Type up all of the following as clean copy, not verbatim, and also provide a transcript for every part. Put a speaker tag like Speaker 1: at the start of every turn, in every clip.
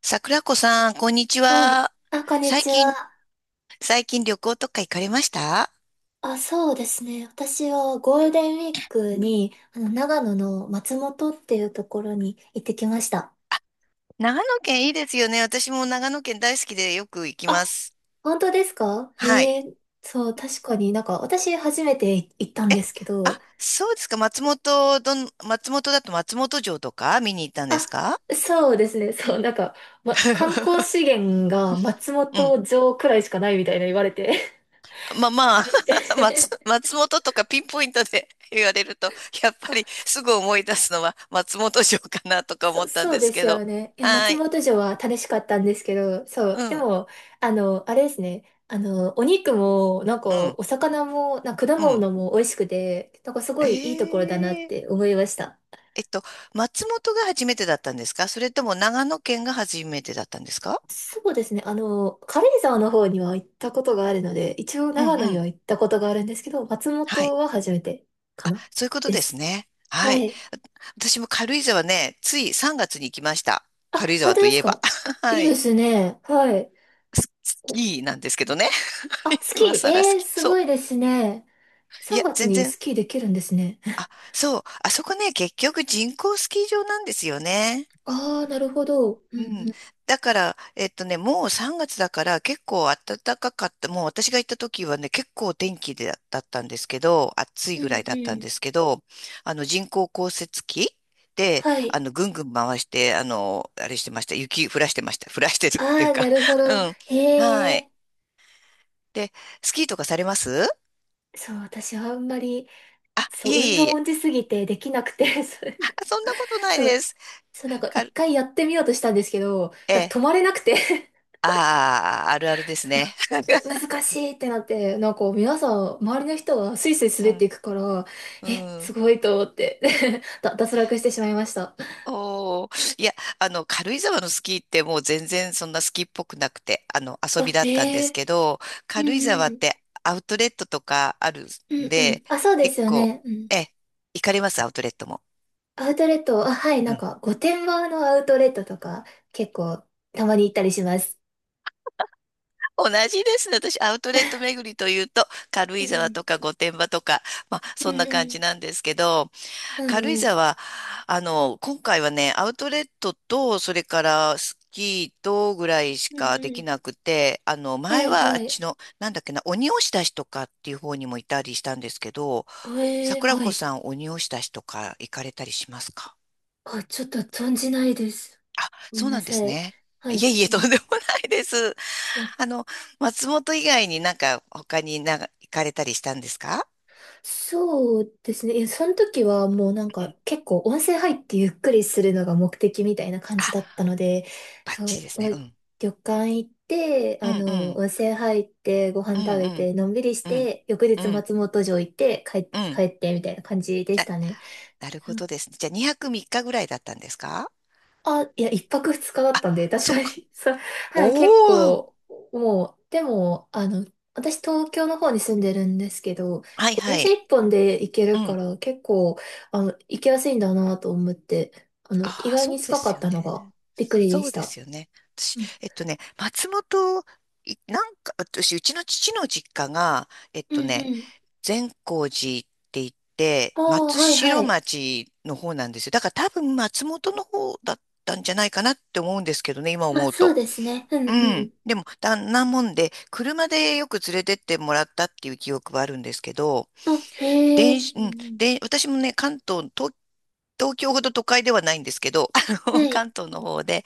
Speaker 1: 桜子さん、こんにち
Speaker 2: はい。
Speaker 1: は。
Speaker 2: あ、こんに
Speaker 1: 最
Speaker 2: ちは。
Speaker 1: 近、最近旅行とか行かれました？
Speaker 2: あ、そうですね。私はゴールデンウィークに、長野の松本っていうところに行ってきました。
Speaker 1: 長野県いいですよね。私も長野県大好きでよく行きま
Speaker 2: あ、
Speaker 1: す。
Speaker 2: 本当ですか？
Speaker 1: はい。
Speaker 2: へえ、そう、確かになんか、私初めて行ったんですけど、
Speaker 1: あ、そうですか。松本だと松本城とか見に行ったんです
Speaker 2: あ、
Speaker 1: か？
Speaker 2: そうですね。そう、なんか、ま、観光資 源が松
Speaker 1: うん。
Speaker 2: 本城くらいしかないみたいな言われて。
Speaker 1: まあま あ、
Speaker 2: えみた い
Speaker 1: 松本とかピンポイントで 言われると、やっぱり
Speaker 2: な
Speaker 1: すぐ思い出すのは松本城かなとか思
Speaker 2: そ、
Speaker 1: ったん
Speaker 2: そう
Speaker 1: です
Speaker 2: で
Speaker 1: け
Speaker 2: すよ
Speaker 1: ど。
Speaker 2: ね。いや、
Speaker 1: は
Speaker 2: 松
Speaker 1: い。
Speaker 2: 本城は楽しかったんですけど、そ
Speaker 1: う
Speaker 2: う。で
Speaker 1: ん、
Speaker 2: も、あれですね。お肉も、なんか、
Speaker 1: うん、
Speaker 2: お魚も、なんか果
Speaker 1: うん。
Speaker 2: 物も美味しくて、なんかすごいいいところだなっ
Speaker 1: ええ、
Speaker 2: て思いました。
Speaker 1: えっと、松本が初めてだったんですか、それとも長野県が初めてだったんですか？
Speaker 2: そうですね。軽井沢の方には行ったことがあるので、一応
Speaker 1: うん
Speaker 2: 長野
Speaker 1: う
Speaker 2: に
Speaker 1: ん。
Speaker 2: は行ったことがあるんですけど、松
Speaker 1: は
Speaker 2: 本
Speaker 1: い。
Speaker 2: は初めてかな
Speaker 1: そういうこと
Speaker 2: で
Speaker 1: です
Speaker 2: す。
Speaker 1: ね。
Speaker 2: は
Speaker 1: はい。
Speaker 2: い。
Speaker 1: 私も軽井沢ね、つい3月に行きました。
Speaker 2: あ、
Speaker 1: 軽井
Speaker 2: 本
Speaker 1: 沢
Speaker 2: 当
Speaker 1: と
Speaker 2: で
Speaker 1: い
Speaker 2: す
Speaker 1: えば。
Speaker 2: か？ い
Speaker 1: は
Speaker 2: いで
Speaker 1: い。
Speaker 2: すね。はい。
Speaker 1: スス
Speaker 2: お
Speaker 1: キーなんですけどね。
Speaker 2: あ、ス
Speaker 1: 今
Speaker 2: キー、
Speaker 1: 更スキー。
Speaker 2: す
Speaker 1: そ
Speaker 2: ご
Speaker 1: う。
Speaker 2: いですね。
Speaker 1: い
Speaker 2: 3
Speaker 1: や、
Speaker 2: 月
Speaker 1: 全
Speaker 2: に
Speaker 1: 然。
Speaker 2: スキーできるんですね。
Speaker 1: あ、そう。あそこね、結局人工スキー場なんですよね。
Speaker 2: ああ、なるほど。うん
Speaker 1: うん。
Speaker 2: うん。
Speaker 1: だから、もう3月だから結構暖かかった。もう私が行った時はね、結構天気でだったんですけど、暑い
Speaker 2: う
Speaker 1: ぐら
Speaker 2: ん
Speaker 1: いだっ
Speaker 2: う
Speaker 1: たん
Speaker 2: ん。
Speaker 1: ですけど、人工降雪機で、
Speaker 2: はい。
Speaker 1: ぐんぐん回して、あれしてました。雪降らしてました。降らしてるっていう
Speaker 2: ああ、な
Speaker 1: か。
Speaker 2: るほど。へ
Speaker 1: うん。はい。
Speaker 2: え。
Speaker 1: で、スキーとかされます？
Speaker 2: そう、私はあんまり、
Speaker 1: あ、
Speaker 2: そ
Speaker 1: い
Speaker 2: う、
Speaker 1: えい
Speaker 2: 運
Speaker 1: え
Speaker 2: 動
Speaker 1: いえ。
Speaker 2: 音痴すぎてできなくて、そう、
Speaker 1: あ、そんなことない
Speaker 2: そ
Speaker 1: で
Speaker 2: う、
Speaker 1: す。
Speaker 2: そうなんか
Speaker 1: か、
Speaker 2: 一回やってみようとしたんですけど、
Speaker 1: え
Speaker 2: だから
Speaker 1: え、
Speaker 2: 止まれなくて
Speaker 1: ああ、あるあるです
Speaker 2: そう、
Speaker 1: ね。
Speaker 2: む、難しいってなって、なんか皆さん、周りの人はスイスイ
Speaker 1: う
Speaker 2: 滑ってい
Speaker 1: ん。
Speaker 2: くから、
Speaker 1: う
Speaker 2: え、す
Speaker 1: ん。
Speaker 2: ごいと思って 脱落してしまいました。
Speaker 1: おー、いや、軽井沢のスキーってもう全然そんなスキーっぽくなくて、遊び
Speaker 2: あ、
Speaker 1: だったんで
Speaker 2: へ
Speaker 1: す
Speaker 2: え。
Speaker 1: けど、
Speaker 2: う
Speaker 1: 軽井
Speaker 2: ん
Speaker 1: 沢
Speaker 2: う
Speaker 1: っ
Speaker 2: ん。
Speaker 1: てアウトレットとかある
Speaker 2: う
Speaker 1: ん
Speaker 2: んうん。
Speaker 1: で、
Speaker 2: あ、そうで
Speaker 1: 結
Speaker 2: すよ
Speaker 1: 構、
Speaker 2: ね。うん。
Speaker 1: え、行かれます、アウトレットも？
Speaker 2: アウトレット、あ、はい、な
Speaker 1: う
Speaker 2: ん
Speaker 1: ん。
Speaker 2: か、御殿場のアウトレットとか、結構、たまに行ったりします。
Speaker 1: 同じですね。私、アウトレット巡りというと、軽
Speaker 2: う
Speaker 1: 井沢
Speaker 2: ん。
Speaker 1: とか御殿場とか、まあ、
Speaker 2: う
Speaker 1: そんな感
Speaker 2: ん
Speaker 1: じなんですけど、
Speaker 2: うん
Speaker 1: 軽井
Speaker 2: うん。うん。
Speaker 1: 沢、今回はね、アウトレットと、それからスキーとぐらいし
Speaker 2: うん
Speaker 1: か
Speaker 2: う
Speaker 1: でき
Speaker 2: ん。
Speaker 1: なくて、
Speaker 2: は
Speaker 1: 前
Speaker 2: い、
Speaker 1: はあ
Speaker 2: は
Speaker 1: っ
Speaker 2: い。
Speaker 1: ちの、なんだっけな、鬼押出しとかっていう方にもいたりしたんですけど、
Speaker 2: ええ、
Speaker 1: 桜
Speaker 2: は
Speaker 1: 子
Speaker 2: い。
Speaker 1: さん鬼押出しとか行かれたりしますか？
Speaker 2: あ、ちょっと存じないです。
Speaker 1: あ、
Speaker 2: ごめん
Speaker 1: そう
Speaker 2: な
Speaker 1: なんで
Speaker 2: さ
Speaker 1: す
Speaker 2: い。
Speaker 1: ね。
Speaker 2: は
Speaker 1: い
Speaker 2: い。
Speaker 1: えいえ、とんでもないです。あの、松本以外になんか他になんか行かれたりしたんですか？
Speaker 2: そうですね。いやその時はもうなん
Speaker 1: う
Speaker 2: か
Speaker 1: ん。
Speaker 2: 結構温泉入ってゆっくりするのが目的みたいな感じ
Speaker 1: あ、
Speaker 2: だったので、
Speaker 1: バッ
Speaker 2: そ
Speaker 1: チリです
Speaker 2: う、も
Speaker 1: ね。う
Speaker 2: う
Speaker 1: ん。
Speaker 2: 旅館行って、
Speaker 1: うんうん。
Speaker 2: 温泉入ってご飯
Speaker 1: うん
Speaker 2: 食
Speaker 1: う
Speaker 2: べ
Speaker 1: ん。
Speaker 2: てのんびりし
Speaker 1: うん
Speaker 2: て、翌
Speaker 1: う
Speaker 2: 日
Speaker 1: ん。
Speaker 2: 松本城行って帰、
Speaker 1: うん。
Speaker 2: 帰ってみたいな感じでし
Speaker 1: あ、
Speaker 2: たね。
Speaker 1: なるほどですね。じゃあ2泊3日ぐらいだったんですか？
Speaker 2: あ、いや、一泊二日だったんで、確
Speaker 1: そっ
Speaker 2: かに、
Speaker 1: か。
Speaker 2: そう、はい、結
Speaker 1: おー。
Speaker 2: 構、もう、でも、私、東京の方に住んでるんですけど、
Speaker 1: は
Speaker 2: 結
Speaker 1: い
Speaker 2: 構
Speaker 1: は
Speaker 2: 電車
Speaker 1: い。
Speaker 2: 一本で行け
Speaker 1: う
Speaker 2: るか
Speaker 1: ん。
Speaker 2: ら、結構、行きやすいんだなと思って、意
Speaker 1: ああ、
Speaker 2: 外
Speaker 1: そ
Speaker 2: に
Speaker 1: うで
Speaker 2: 近か
Speaker 1: す
Speaker 2: っ
Speaker 1: よ
Speaker 2: たのが、
Speaker 1: ね。
Speaker 2: びっくりで
Speaker 1: そ
Speaker 2: し
Speaker 1: うで
Speaker 2: た。
Speaker 1: すよね。私、
Speaker 2: うん、
Speaker 1: 松本、いなんか、私、うちの父の実家が、
Speaker 2: うんうん。
Speaker 1: 善光寺って言って、
Speaker 2: ああ、
Speaker 1: 松
Speaker 2: はいは
Speaker 1: 代
Speaker 2: い。
Speaker 1: 町の方なんですよ。だから多分松本の方だったんじゃないかなって思うんですけどね、今
Speaker 2: まあ、
Speaker 1: 思う
Speaker 2: そう
Speaker 1: と。
Speaker 2: ですね。う
Speaker 1: う
Speaker 2: んう
Speaker 1: ん。
Speaker 2: ん。
Speaker 1: でも、だんなもんで、車でよく連れてってもらったっていう記憶はあるんですけど、
Speaker 2: あ、へえ。
Speaker 1: 電子、
Speaker 2: う
Speaker 1: うん、
Speaker 2: ん
Speaker 1: で、私もね、関東、東、東京ほど都会ではないんですけど、
Speaker 2: うん。はい。
Speaker 1: 関東の方で、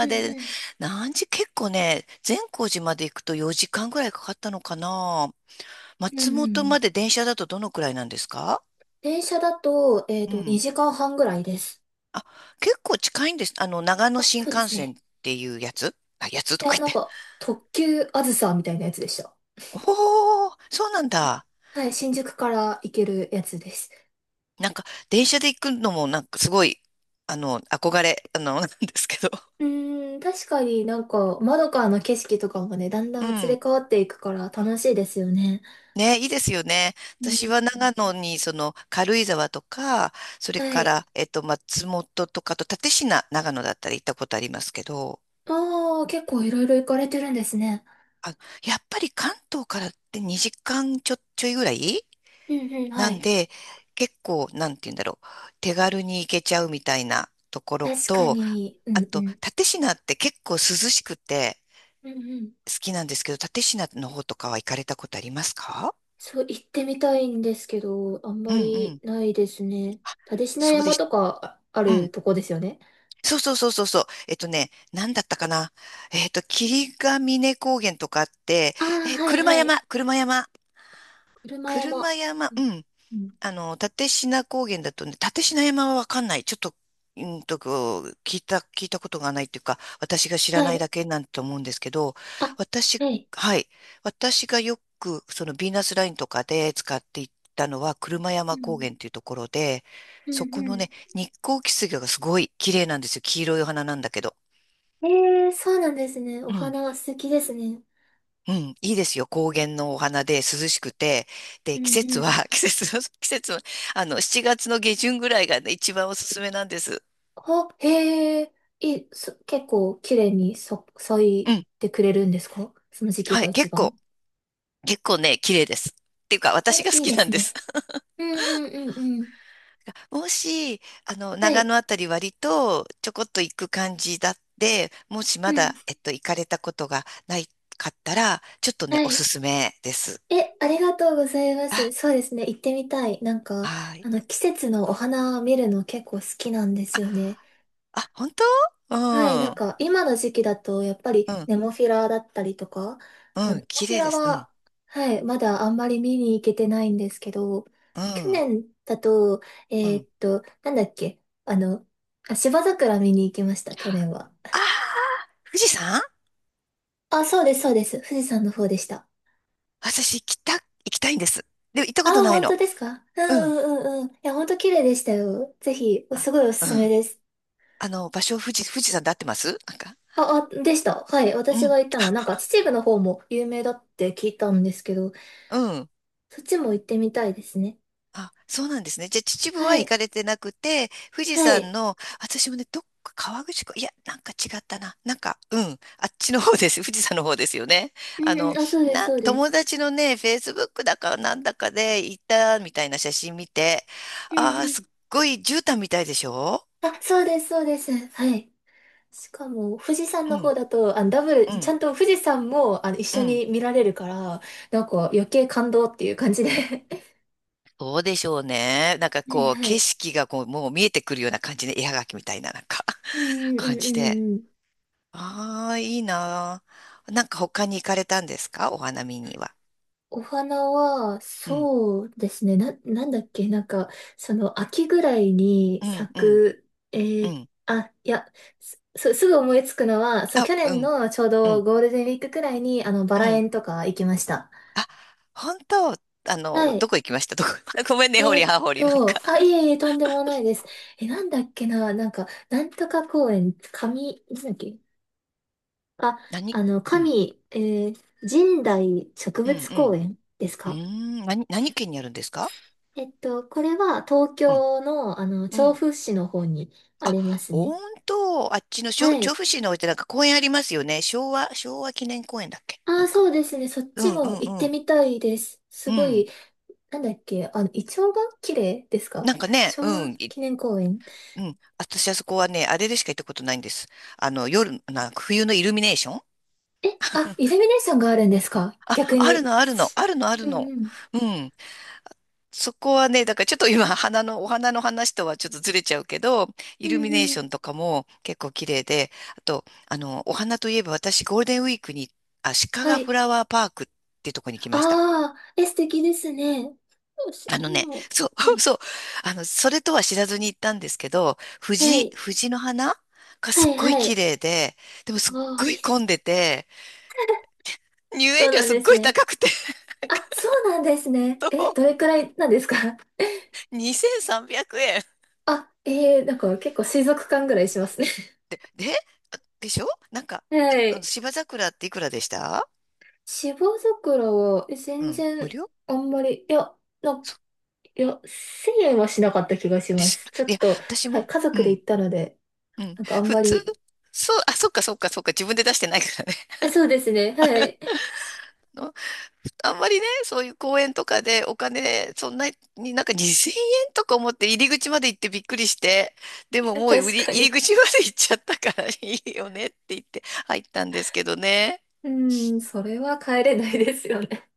Speaker 2: う
Speaker 1: で、
Speaker 2: ん
Speaker 1: 何時、結構ね、善光寺まで行くと4時間ぐらいかかったのかな。
Speaker 2: うん。うん
Speaker 1: 松
Speaker 2: う
Speaker 1: 本まで
Speaker 2: ん。
Speaker 1: 電車だとどのくらいなんですか？
Speaker 2: 電車だと、
Speaker 1: うん。
Speaker 2: 2時間半ぐらいです。
Speaker 1: あ、結構近いんです。長野
Speaker 2: あ、
Speaker 1: 新
Speaker 2: そうで
Speaker 1: 幹
Speaker 2: す
Speaker 1: 線っ
Speaker 2: ね。
Speaker 1: ていうやつ、あ、やつ
Speaker 2: い
Speaker 1: とか
Speaker 2: や、
Speaker 1: 言っ
Speaker 2: なん
Speaker 1: て。
Speaker 2: か、特急あずさみたいなやつでした。
Speaker 1: おー、そうなんだ。
Speaker 2: はい、新宿から行けるやつです。
Speaker 1: なんか、電車で行くのも、なんかすごい、憧れ、なんですけど。
Speaker 2: うーん、確かになんか、窓からの景色とかもね、だんだ
Speaker 1: う
Speaker 2: ん移り
Speaker 1: ん。
Speaker 2: 変わっていくから楽しいですよね。
Speaker 1: ね、いいですよね。
Speaker 2: う
Speaker 1: 私
Speaker 2: ん。
Speaker 1: は長野に、その、軽井沢とか、それ
Speaker 2: は
Speaker 1: か
Speaker 2: い。
Speaker 1: ら、松本とかと、蓼科、長野だったら行ったことありますけど、
Speaker 2: ああ、結構いろいろ行かれてるんですね。
Speaker 1: あ、やっぱり関東からって2時間ちょ、ちょいぐらい
Speaker 2: うんうん、
Speaker 1: な
Speaker 2: は
Speaker 1: ん
Speaker 2: い。
Speaker 1: で、結構、なんて言うんだろう、手軽に行けちゃうみたいなところ
Speaker 2: 確か
Speaker 1: と、
Speaker 2: に、う
Speaker 1: あ
Speaker 2: んう
Speaker 1: と、
Speaker 2: ん。
Speaker 1: 蓼科って結構涼しくて
Speaker 2: うんうん。
Speaker 1: 好きなんですけど、蓼科の方とかは行かれたことありますか？
Speaker 2: そう、行ってみたいんですけど、あん
Speaker 1: う
Speaker 2: ま
Speaker 1: んう
Speaker 2: り
Speaker 1: ん。
Speaker 2: ないですね。
Speaker 1: あ、
Speaker 2: 蓼科
Speaker 1: そうで
Speaker 2: 山
Speaker 1: した。
Speaker 2: とかああるとこですよね。
Speaker 1: そうそうそうそうそう。えっとね、なんだったかな。霧ヶ峰高原とかあって、
Speaker 2: ああ、
Speaker 1: え、
Speaker 2: はい
Speaker 1: 車
Speaker 2: はい。
Speaker 1: 山、車山、
Speaker 2: 車
Speaker 1: 車
Speaker 2: 山。
Speaker 1: 山、
Speaker 2: う
Speaker 1: う
Speaker 2: ん
Speaker 1: ん。
Speaker 2: うん。
Speaker 1: 立科高原だとね、立科山はわかんない。ちょっと、うんと、こう聞いたことがないっていうか、私が知ら
Speaker 2: は
Speaker 1: ない
Speaker 2: い。
Speaker 1: だけなんと思うんですけど、
Speaker 2: あ、
Speaker 1: 私、
Speaker 2: はい。
Speaker 1: はい。私がよく、そのヴィーナスラインとかで使っていったのは、車
Speaker 2: う
Speaker 1: 山高
Speaker 2: ん。
Speaker 1: 原っていうところで、
Speaker 2: うん
Speaker 1: そこ
Speaker 2: う
Speaker 1: の
Speaker 2: ん。
Speaker 1: ね、日光キスゲがすごい綺麗なんですよ。黄色いお花なんだけど。
Speaker 2: えー、そうなんですね。お
Speaker 1: うん、
Speaker 2: 花が素敵ですね。
Speaker 1: うん、いいですよ。高原のお花で涼しくて。で、
Speaker 2: うん。う
Speaker 1: 季
Speaker 2: ん
Speaker 1: 節
Speaker 2: うん。
Speaker 1: は、季節の、7月の下旬ぐらいがね、一番おすすめなんです。
Speaker 2: あ、へえ、結構綺麗に咲、咲
Speaker 1: う
Speaker 2: い
Speaker 1: ん。
Speaker 2: てくれるんですか？その時期
Speaker 1: は
Speaker 2: が
Speaker 1: い。
Speaker 2: 一
Speaker 1: 結
Speaker 2: 番。
Speaker 1: 構、結構ね、綺麗です。っていうか、私
Speaker 2: え、
Speaker 1: が好
Speaker 2: いい
Speaker 1: き
Speaker 2: で
Speaker 1: なん
Speaker 2: す
Speaker 1: です。
Speaker 2: ね。うんうんうんうん。
Speaker 1: もし、
Speaker 2: は
Speaker 1: 長
Speaker 2: い。
Speaker 1: 野あたり割とちょこっと行く感じだって、もし
Speaker 2: う
Speaker 1: ま
Speaker 2: ん。
Speaker 1: だ、行かれたことがないかったら、ちょっとね、
Speaker 2: は
Speaker 1: おす
Speaker 2: い。
Speaker 1: すめです。
Speaker 2: え、ありがとうございま
Speaker 1: あ、
Speaker 2: す。そうですね。行ってみたい。なんか、
Speaker 1: はい。
Speaker 2: 季節のお花見るの結構好きなんです
Speaker 1: あ、
Speaker 2: よね。
Speaker 1: あ、本当？う
Speaker 2: はい、な
Speaker 1: ん、
Speaker 2: ん
Speaker 1: う
Speaker 2: か今の時期だとやっぱり
Speaker 1: ん、
Speaker 2: ネモフィラだったりとか、まあ
Speaker 1: う
Speaker 2: ネ
Speaker 1: ん、
Speaker 2: モ
Speaker 1: 綺
Speaker 2: フィ
Speaker 1: 麗
Speaker 2: ラ
Speaker 1: です。うん、
Speaker 2: は、はい、まだあんまり見に行けてないんですけど、
Speaker 1: う
Speaker 2: 去
Speaker 1: ん。
Speaker 2: 年だと、
Speaker 1: うん。
Speaker 2: なんだっけ、あの、あ、芝桜見に行きました、去年は。
Speaker 1: ああ、富士山、
Speaker 2: あ、そうです、そうです。富士山の方でした。
Speaker 1: 私行きたいんです。でも行った
Speaker 2: あ、
Speaker 1: ことない
Speaker 2: 本当
Speaker 1: の。
Speaker 2: ですか？うん
Speaker 1: うん。
Speaker 2: うんうんうん。いや、本当綺麗でしたよ。ぜひ、す
Speaker 1: あ、
Speaker 2: ごいおす
Speaker 1: う
Speaker 2: すめ
Speaker 1: ん。
Speaker 2: です。
Speaker 1: 場所、富士山で合ってますなんか？
Speaker 2: あ、でした。はい。
Speaker 1: う
Speaker 2: 私
Speaker 1: ん。
Speaker 2: が行ったのは、なんか秩父の方も有名だって聞いたんですけど、
Speaker 1: うん。
Speaker 2: そっちも行ってみたいですね。
Speaker 1: あ、そうなんですね。じゃあ、秩父は
Speaker 2: は
Speaker 1: 行か
Speaker 2: い。
Speaker 1: れてなくて、富士
Speaker 2: は
Speaker 1: 山
Speaker 2: い。
Speaker 1: の、私もね、どっか川口湖、いや、なんか違ったな。なんか、うん。あっちの方です。富士山の方ですよね。
Speaker 2: う
Speaker 1: あ
Speaker 2: んう
Speaker 1: の、
Speaker 2: ん。あ、そうです、
Speaker 1: なん、
Speaker 2: そうで
Speaker 1: 友
Speaker 2: す。
Speaker 1: 達のね、フェイスブックだかなんだかで行ったみたいな写真見て、
Speaker 2: う
Speaker 1: あ
Speaker 2: ん
Speaker 1: あ、
Speaker 2: うん。
Speaker 1: すっごい絨毯みたいでしょ？
Speaker 2: あ、そうです、そうです。はい。しかも、富士山
Speaker 1: う
Speaker 2: の
Speaker 1: ん。
Speaker 2: 方だと、あダブル、
Speaker 1: う
Speaker 2: ち
Speaker 1: ん。
Speaker 2: ゃんと富士山も、一
Speaker 1: う
Speaker 2: 緒
Speaker 1: ん。
Speaker 2: に見られるから、なんか余計感動っていう感じで。は
Speaker 1: そうでしょうね。なんか
Speaker 2: い
Speaker 1: こう、
Speaker 2: は
Speaker 1: 景
Speaker 2: い。
Speaker 1: 色がこう、もう見えてくるような感じで、絵はがきみたいな、なんか
Speaker 2: う んうん
Speaker 1: 感
Speaker 2: うんう
Speaker 1: じで。
Speaker 2: んうん。
Speaker 1: ああ、いいなあ。なんか他に行かれたんですか、お花見には？
Speaker 2: お花は、
Speaker 1: うん、
Speaker 2: そうですね。なんだっけ、なんか、その、秋ぐらいに
Speaker 1: うん、
Speaker 2: 咲
Speaker 1: うん、
Speaker 2: く、
Speaker 1: うん。
Speaker 2: あ、いや、すぐ思いつくのは、そう、
Speaker 1: あ、
Speaker 2: 去
Speaker 1: う
Speaker 2: 年
Speaker 1: ん、
Speaker 2: のちょう
Speaker 1: う
Speaker 2: ど
Speaker 1: ん、
Speaker 2: ゴールデンウィークくらいに、バ
Speaker 1: う
Speaker 2: ラ
Speaker 1: ん。
Speaker 2: 園とか行きました。
Speaker 1: あ、本当、
Speaker 2: はい。
Speaker 1: どこ行きました、どこ？ ごめんね、ほりはほり、なんか
Speaker 2: あ、いえいえ、とんでもないです。え、なんだっけな、なんか、なんとか公園、神、なんだっけ、あ、
Speaker 1: 何、うん、
Speaker 2: 神、えー、神代植
Speaker 1: うん、
Speaker 2: 物
Speaker 1: う
Speaker 2: 公
Speaker 1: ん。
Speaker 2: 園です
Speaker 1: うー
Speaker 2: か？
Speaker 1: ん、何、何県にあるんですか？
Speaker 2: これは東
Speaker 1: うん、
Speaker 2: 京の、
Speaker 1: う
Speaker 2: 調
Speaker 1: ん。
Speaker 2: 布市の方にあ
Speaker 1: あ、
Speaker 2: りますね。
Speaker 1: 本当、あっちのしょ
Speaker 2: は
Speaker 1: 調
Speaker 2: い。
Speaker 1: 布市の方ってなんか公園ありますよね。昭和、昭和記念公園だっけ、
Speaker 2: あ
Speaker 1: なん
Speaker 2: あ、そ
Speaker 1: か。
Speaker 2: うですね。そっ
Speaker 1: う
Speaker 2: ち
Speaker 1: んう
Speaker 2: も
Speaker 1: ん
Speaker 2: 行っ
Speaker 1: う
Speaker 2: て
Speaker 1: ん。
Speaker 2: みたいです。
Speaker 1: う
Speaker 2: すご
Speaker 1: ん。
Speaker 2: い、なんだっけ、イチョウが綺麗ですか？
Speaker 1: なんかね、
Speaker 2: 昭
Speaker 1: う
Speaker 2: 和
Speaker 1: ん。い
Speaker 2: 記念公園。
Speaker 1: うん。私あそこはね、あれでしか行ったことないんです。夜、な、冬のイルミネーション、
Speaker 2: え、あ、イルミネーションがあるんですか？
Speaker 1: あ、
Speaker 2: 逆
Speaker 1: ある
Speaker 2: に。
Speaker 1: のあるの、あるのある
Speaker 2: うん
Speaker 1: の。
Speaker 2: うん。
Speaker 1: うん。そこはね、だからちょっと今、お花の話とはちょっとずれちゃうけど、
Speaker 2: う
Speaker 1: イルミ
Speaker 2: ん
Speaker 1: ネー
Speaker 2: う
Speaker 1: シ
Speaker 2: ん。
Speaker 1: ョンとかも結構綺麗で、あと、お花といえば私、ゴールデンウィークに、あ、鹿
Speaker 2: は
Speaker 1: ヶフ
Speaker 2: い。
Speaker 1: ラワーパークってとこに来ました。
Speaker 2: ああ、え、素敵ですね。よし、今、
Speaker 1: そう、
Speaker 2: は い。
Speaker 1: そう、それとは知らずに行ったんですけど、
Speaker 2: はい。
Speaker 1: 藤の花が
Speaker 2: は
Speaker 1: すっ
Speaker 2: い
Speaker 1: ごい
Speaker 2: は
Speaker 1: 綺
Speaker 2: い。
Speaker 1: 麗で、でもすっ
Speaker 2: ああ、
Speaker 1: ご
Speaker 2: いい
Speaker 1: い
Speaker 2: で
Speaker 1: 混
Speaker 2: す
Speaker 1: ん
Speaker 2: ね。
Speaker 1: でて、入園
Speaker 2: そう
Speaker 1: 料
Speaker 2: なん
Speaker 1: すっ
Speaker 2: です
Speaker 1: ごい
Speaker 2: ね。
Speaker 1: 高くて、
Speaker 2: あ、そ うなんですね。え、
Speaker 1: そ
Speaker 2: どれくらいなんですか？
Speaker 1: うにせん2300円。
Speaker 2: あ、なんか結構水族館ぐらいしますね。
Speaker 1: で、でしょ、なんか、
Speaker 2: はい。
Speaker 1: 芝桜っていくらでした？
Speaker 2: 芝桜は
Speaker 1: う
Speaker 2: 全
Speaker 1: ん、無
Speaker 2: 然
Speaker 1: 料
Speaker 2: あんまり、いや、な、いや、1000円はしなかった気がし
Speaker 1: で
Speaker 2: ま
Speaker 1: す。
Speaker 2: す。ちょ
Speaker 1: い
Speaker 2: っ
Speaker 1: や、
Speaker 2: と、
Speaker 1: 私
Speaker 2: は
Speaker 1: も、
Speaker 2: い、家
Speaker 1: う
Speaker 2: 族で
Speaker 1: ん、
Speaker 2: 行ったので、
Speaker 1: うん、
Speaker 2: なんかあん
Speaker 1: 普
Speaker 2: ま
Speaker 1: 通、
Speaker 2: り、
Speaker 1: そう、あ、そっか、自分で出してないからね。
Speaker 2: そうですね、はい。
Speaker 1: あの、あんまりね、そういう公園とかでお金、そんなになんか2000円とか思って入り口まで行ってびっくりして、でも もう売
Speaker 2: 確
Speaker 1: り、
Speaker 2: か
Speaker 1: 入り
Speaker 2: に。
Speaker 1: 口まで行っちゃったからいいよねって言って入ったんですけどね。
Speaker 2: うん、それは帰れないですよね。